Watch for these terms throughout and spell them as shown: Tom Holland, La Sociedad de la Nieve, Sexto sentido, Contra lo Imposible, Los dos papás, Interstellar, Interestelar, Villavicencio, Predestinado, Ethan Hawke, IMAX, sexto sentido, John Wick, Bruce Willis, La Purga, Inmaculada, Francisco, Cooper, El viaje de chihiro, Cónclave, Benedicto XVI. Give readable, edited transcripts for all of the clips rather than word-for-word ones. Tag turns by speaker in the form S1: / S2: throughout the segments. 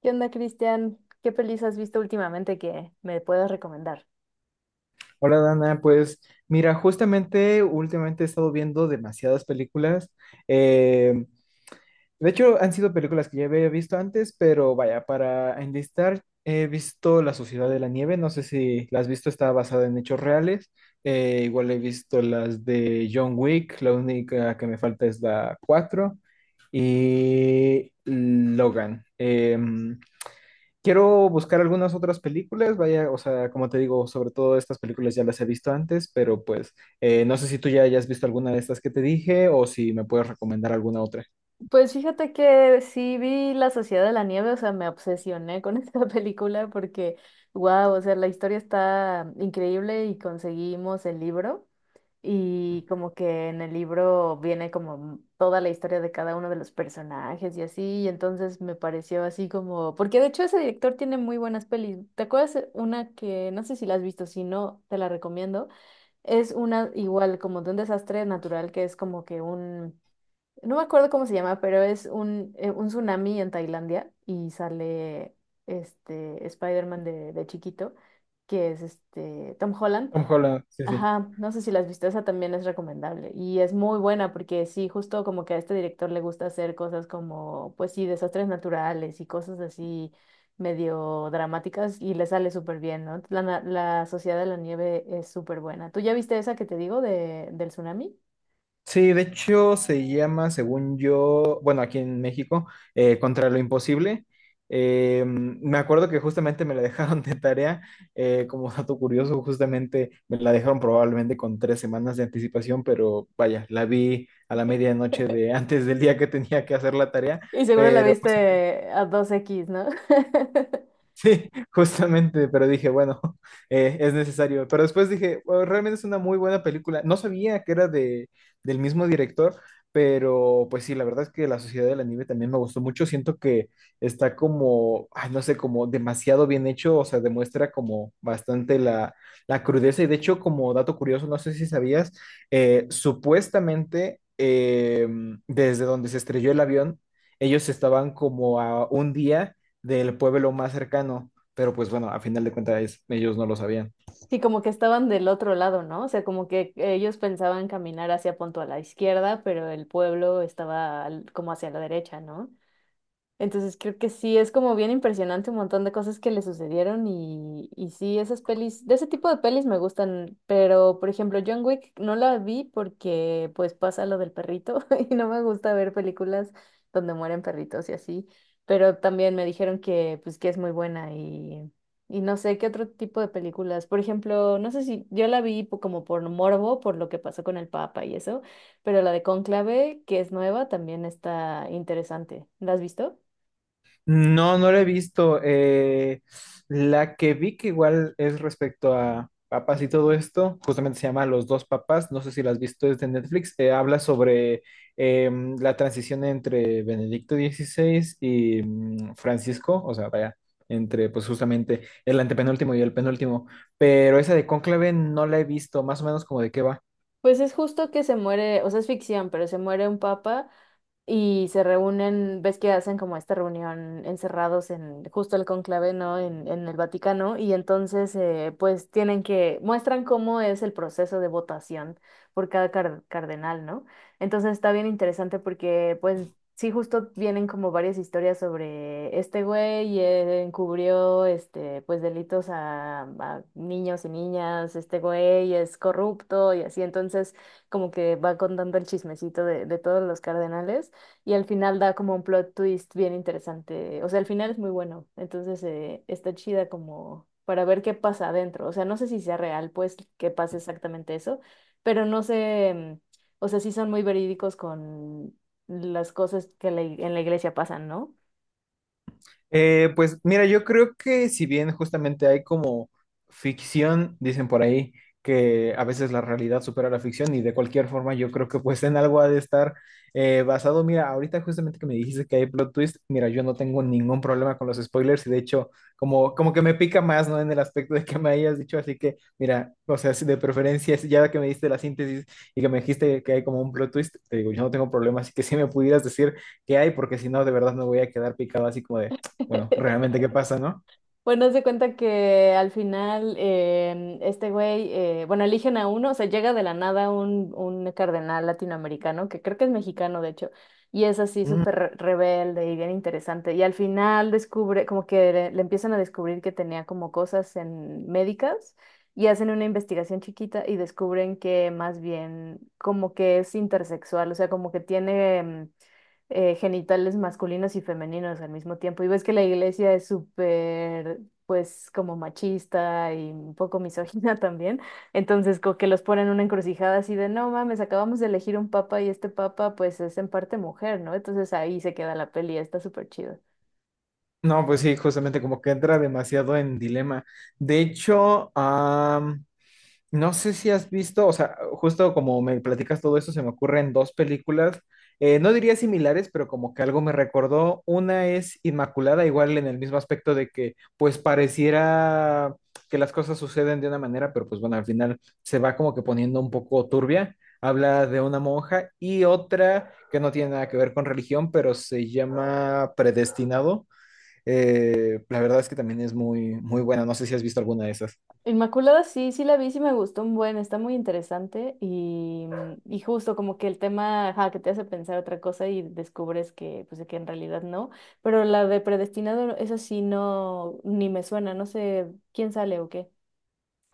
S1: ¿Qué onda, Cristian? ¿Qué pelis has visto últimamente que me puedas recomendar?
S2: Hola Dana, pues mira, justamente últimamente he estado viendo demasiadas películas. Eh, de hecho, han sido películas que ya había visto antes, pero vaya, para enlistar, he visto La Sociedad de la Nieve, no sé si la has visto, está basada en hechos reales. Igual he visto las de John Wick, la única que me falta es la 4 y Logan. Quiero buscar algunas otras películas, vaya, o sea, como te digo, sobre todo estas películas ya las he visto antes, pero pues no sé si tú ya hayas visto alguna de estas que te dije o si me puedes recomendar alguna otra.
S1: Pues fíjate que sí vi La Sociedad de la Nieve, o sea, me obsesioné con esta película porque, wow, o sea, la historia está increíble y conseguimos el libro y como que en el libro viene como toda la historia de cada uno de los personajes y así, y entonces me pareció así como, porque de hecho ese director tiene muy buenas pelis. ¿Te acuerdas una que, no sé si la has visto, si no, te la recomiendo? Es una, igual, como de un desastre natural que es como que un, no me acuerdo cómo se llama, pero es un tsunami en Tailandia y sale este Spider-Man de chiquito, que es este Tom Holland.
S2: Tom Holland, sí, sí.
S1: Ajá, no sé si la has visto, esa también es recomendable y es muy buena porque sí, justo como que a este director le gusta hacer cosas como, pues sí, desastres naturales y cosas así medio dramáticas y le sale súper bien, ¿no? La, la Sociedad de la Nieve es súper buena. ¿Tú ya viste esa que te digo de, del tsunami?
S2: Sí, de hecho se llama, según yo, bueno, aquí en México, Contra lo Imposible. Me acuerdo que justamente me la dejaron de tarea, como dato curioso, justamente me la dejaron probablemente con 3 semanas de anticipación, pero vaya, la vi a la medianoche de antes del día que tenía que hacer la tarea,
S1: Y seguro la
S2: pero pues,
S1: viste a 2X, ¿no?
S2: sí, justamente, pero dije, bueno, es necesario. Pero después dije, "Bueno, realmente es una muy buena película. No sabía que era del mismo director, pero pues sí, la verdad es que La Sociedad de la Nieve también me gustó mucho. Siento que está como, ay, no sé, como demasiado bien hecho, o sea, demuestra como bastante la crudeza. Y de hecho, como dato curioso, no sé si sabías, supuestamente desde donde se estrelló el avión, ellos estaban como a un día del pueblo más cercano, pero pues bueno, a final de cuentas ellos no lo sabían.
S1: Sí, como que estaban del otro lado, ¿no? O sea, como que ellos pensaban caminar hacia punto a la izquierda, pero el pueblo estaba como hacia la derecha, ¿no? Entonces creo que sí, es como bien impresionante un montón de cosas que le sucedieron y sí, esas pelis, de ese tipo de pelis me gustan, pero por ejemplo John Wick no la vi porque pues pasa lo del perrito y no me gusta ver películas donde mueren perritos y así, pero también me dijeron que pues que es muy buena y no sé qué otro tipo de películas, por ejemplo, no sé si yo la vi como por morbo, por lo que pasó con el Papa y eso, pero la de Cónclave, que es nueva, también está interesante. ¿La has visto?
S2: No, no la he visto. La que vi que igual es respecto a papas y todo esto, justamente se llama Los dos papás, no sé si la has visto, es de Netflix, habla sobre la transición entre Benedicto XVI y Francisco, o sea, vaya, entre pues justamente el antepenúltimo y el penúltimo, pero esa de Cónclave no la he visto, más o menos como de qué va.
S1: Pues es justo que se muere, o sea, es ficción, pero se muere un papa y se reúnen, ves que hacen como esta reunión encerrados en justo el conclave, ¿no? En el Vaticano, y entonces pues tienen que, muestran cómo es el proceso de votación por cada cardenal, ¿no? Entonces está bien interesante porque pues sí justo vienen como varias historias sobre este güey, encubrió este pues delitos a niños y niñas, este güey es corrupto y así, entonces como que va contando el chismecito de todos los cardenales. Y al final da como un plot twist bien interesante. O sea, al final es muy bueno. Entonces está chida como para ver qué pasa adentro. O sea, no sé si sea real, pues, que pase exactamente eso. Pero no sé, mm, o sea, sí son muy verídicos con las cosas que la en la iglesia pasan, ¿no?
S2: Pues mira, yo creo que si bien justamente hay como ficción, dicen por ahí, que a veces la realidad supera la ficción y de cualquier forma yo creo que pues en algo ha de estar basado. Mira, ahorita justamente que me dijiste que hay plot twist, mira, yo no tengo ningún problema con los spoilers y de hecho como que me pica más, ¿no? En el aspecto de que me hayas dicho, así que mira, o sea, si de preferencia, si ya que me diste la síntesis y que me dijiste que hay como un plot twist, te digo, yo no tengo problema, así que si me pudieras decir qué hay, porque si no, de verdad me voy a quedar picado así como de... Bueno, realmente qué pasa, ¿no?
S1: Bueno, haz de cuenta que al final este güey, bueno, eligen a uno, o sea, llega de la nada un, un cardenal latinoamericano, que creo que es mexicano, de hecho, y es así
S2: Mm.
S1: súper rebelde y bien interesante. Y al final descubre, como que le empiezan a descubrir que tenía como cosas en médicas y hacen una investigación chiquita y descubren que más bien como que es intersexual, o sea, como que tiene... genitales masculinos y femeninos al mismo tiempo. Y ves que la iglesia es súper, pues, como machista y un poco misógina también. Entonces, como que los ponen en una encrucijada así de, no mames, acabamos de elegir un papa y este papa, pues, es en parte mujer, ¿no? Entonces ahí se queda la peli, está súper chido.
S2: No, pues sí, justamente como que entra demasiado en dilema. De hecho, no sé si has visto, o sea, justo como me platicas todo eso, se me ocurren dos películas, no diría similares, pero como que algo me recordó. Una es Inmaculada, igual en el mismo aspecto de que pues pareciera que las cosas suceden de una manera, pero pues bueno, al final se va como que poniendo un poco turbia. Habla de una monja y otra que no tiene nada que ver con religión, pero se llama Predestinado. La verdad es que también es muy, muy buena. No sé si has visto alguna de esas.
S1: Inmaculada, sí, sí la vi, sí me gustó un buen, está muy interesante y, mm, y justo como que el tema, ajá, que te hace pensar otra cosa y descubres que, pues, que en realidad no, pero la de predestinado, eso sí no, ni me suena, no sé quién sale o qué.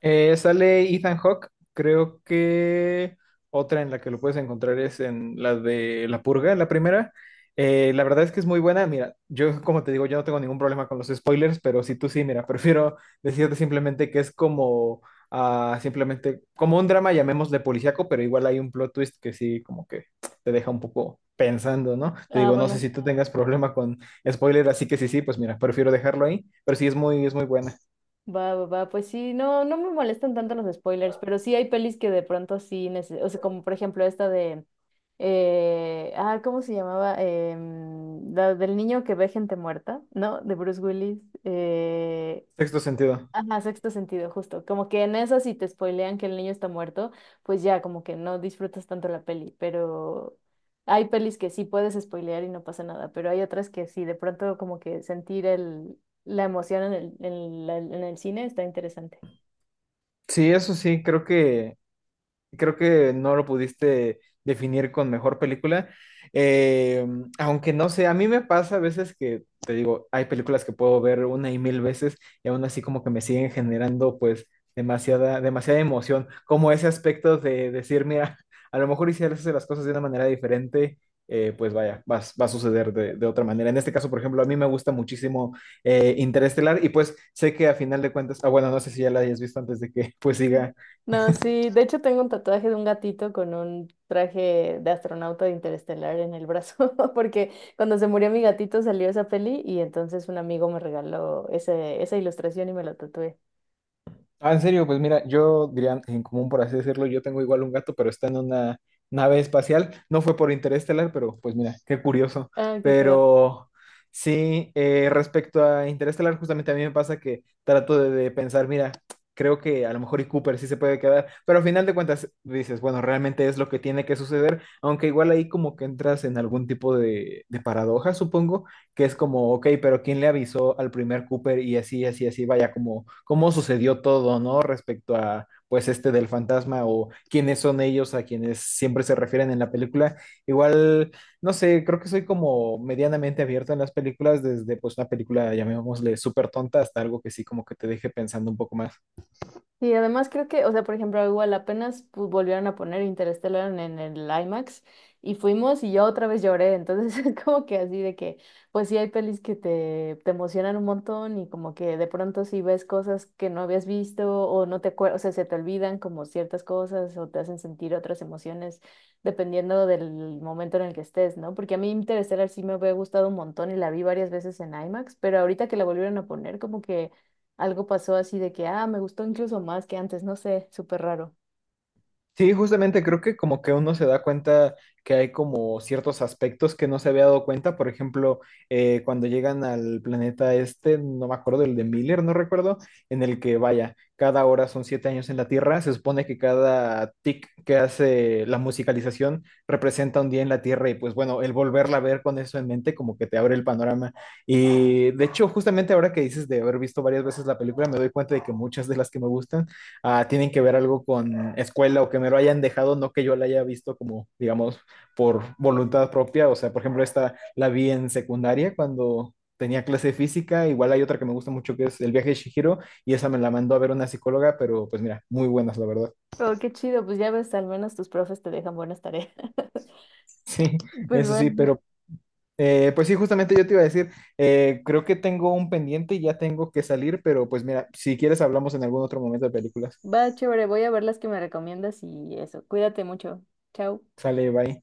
S2: Sale Ethan Hawke, creo que otra en la que lo puedes encontrar es en la de La Purga, la primera. La verdad es que es muy buena. Mira, yo como te digo, yo no tengo ningún problema con los spoilers, pero si tú sí, mira, prefiero decirte simplemente que es como simplemente como un drama, llamémosle policíaco, pero igual hay un plot twist que sí como que te deja un poco pensando, ¿no? Te
S1: Ah,
S2: digo, no sé
S1: bueno,
S2: si tú tengas problema con spoiler, así que sí, sí, pues mira, prefiero dejarlo ahí, pero sí es muy buena.
S1: va, va, va, pues sí, no, no me molestan tanto los spoilers, pero sí hay pelis que de pronto sí, o sea, como por ejemplo esta de, ¿cómo se llamaba? La del niño que ve gente muerta, ¿no? De Bruce Willis.
S2: Sexto sentido.
S1: Ajá, sexto sentido, justo. Como que en eso si te spoilean que el niño está muerto, pues ya como que no disfrutas tanto la peli, pero hay pelis que sí puedes spoilear y no pasa nada, pero hay otras que sí, de pronto como que sentir la emoción en el cine está interesante.
S2: Sí, eso sí, creo que no lo pudiste definir con mejor película. Eh, aunque no sé, a mí me pasa a veces que, te digo, hay películas que puedo ver una y mil veces y aún así como que me siguen generando pues demasiada, demasiada emoción, como ese aspecto de decir, mira, a lo mejor hicieras las cosas de una manera diferente. Pues vaya, va, va a suceder de otra manera. En este caso, por ejemplo, a mí me gusta muchísimo Interestelar y pues sé que a final de cuentas, ah, bueno, no sé si ya la hayas visto antes de que pues
S1: Mm.
S2: siga.
S1: No, sí, de hecho tengo un tatuaje de un gatito con un traje de astronauta de Interestelar en el brazo, porque cuando se murió mi gatito salió esa peli y entonces un amigo me regaló esa ilustración y me lo tatué.
S2: Ah, en serio, pues mira, yo diría en común, por así decirlo, yo tengo igual un gato, pero está en una nave espacial. No fue por Interestelar, pero pues mira, qué curioso.
S1: Ah, qué cagado.
S2: Pero sí, respecto a Interestelar, justamente a mí me pasa que trato de pensar, mira, creo que a lo mejor y Cooper sí se puede quedar, pero al final de cuentas dices, bueno, realmente es lo que tiene que suceder, aunque igual ahí como que entras en algún tipo de paradoja, supongo, que es como, ok, pero ¿quién le avisó al primer Cooper? Y así, así, así, vaya, como cómo sucedió todo, ¿no? Respecto a, pues, este del fantasma o quiénes son ellos a quienes siempre se refieren en la película. Igual, no sé, creo que soy como medianamente abierto en las películas, desde, pues, una película, llamémosle, súper tonta hasta algo que sí como que te deje pensando un poco más.
S1: Y además creo que, o sea, por ejemplo, igual apenas pues, volvieron a poner Interstellar en el IMAX y fuimos y yo otra vez lloré, entonces es como que así de que, pues sí hay pelis que te emocionan un montón y como que de pronto si ves cosas que no habías visto o no te acuerdas, o sea, se te olvidan como ciertas cosas o te hacen sentir otras emociones dependiendo del momento en el que estés, ¿no? Porque a mí Interstellar sí me había gustado un montón y la vi varias veces en IMAX, pero ahorita que la volvieron a poner como que... Algo pasó así de que, ah, me gustó incluso más que antes, no sé, súper raro.
S2: Sí, justamente creo que como que uno se da cuenta que hay como ciertos aspectos que no se había dado cuenta. Por ejemplo, cuando llegan al planeta este, no me acuerdo, el de Miller, no recuerdo, en el que vaya, cada hora son 7 años en la Tierra. Se supone que cada tic que hace la musicalización representa un día en la Tierra y pues bueno, el volverla a ver con eso en mente como que te abre el panorama. Y de hecho, justamente ahora que dices de haber visto varias veces la película, me doy cuenta de que muchas de las que me gustan ah, tienen que ver algo con escuela o que me lo hayan dejado, no que yo la haya visto como, digamos, por voluntad propia. O sea, por ejemplo, esta la vi en secundaria cuando tenía clase de física. Igual hay otra que me gusta mucho que es El viaje de Chihiro y esa me la mandó a ver una psicóloga, pero pues mira, muy buenas, la verdad.
S1: Pero qué chido, pues ya ves, al menos tus profes te dejan buenas tareas.
S2: Sí,
S1: Pues
S2: eso sí,
S1: bueno,
S2: pero... pues sí, justamente yo te iba a decir, creo que tengo un pendiente y ya tengo que salir, pero pues mira, si quieres hablamos en algún otro momento de películas.
S1: va chévere, voy a ver las que me recomiendas y eso. Cuídate mucho. Chao.
S2: Sale, bye.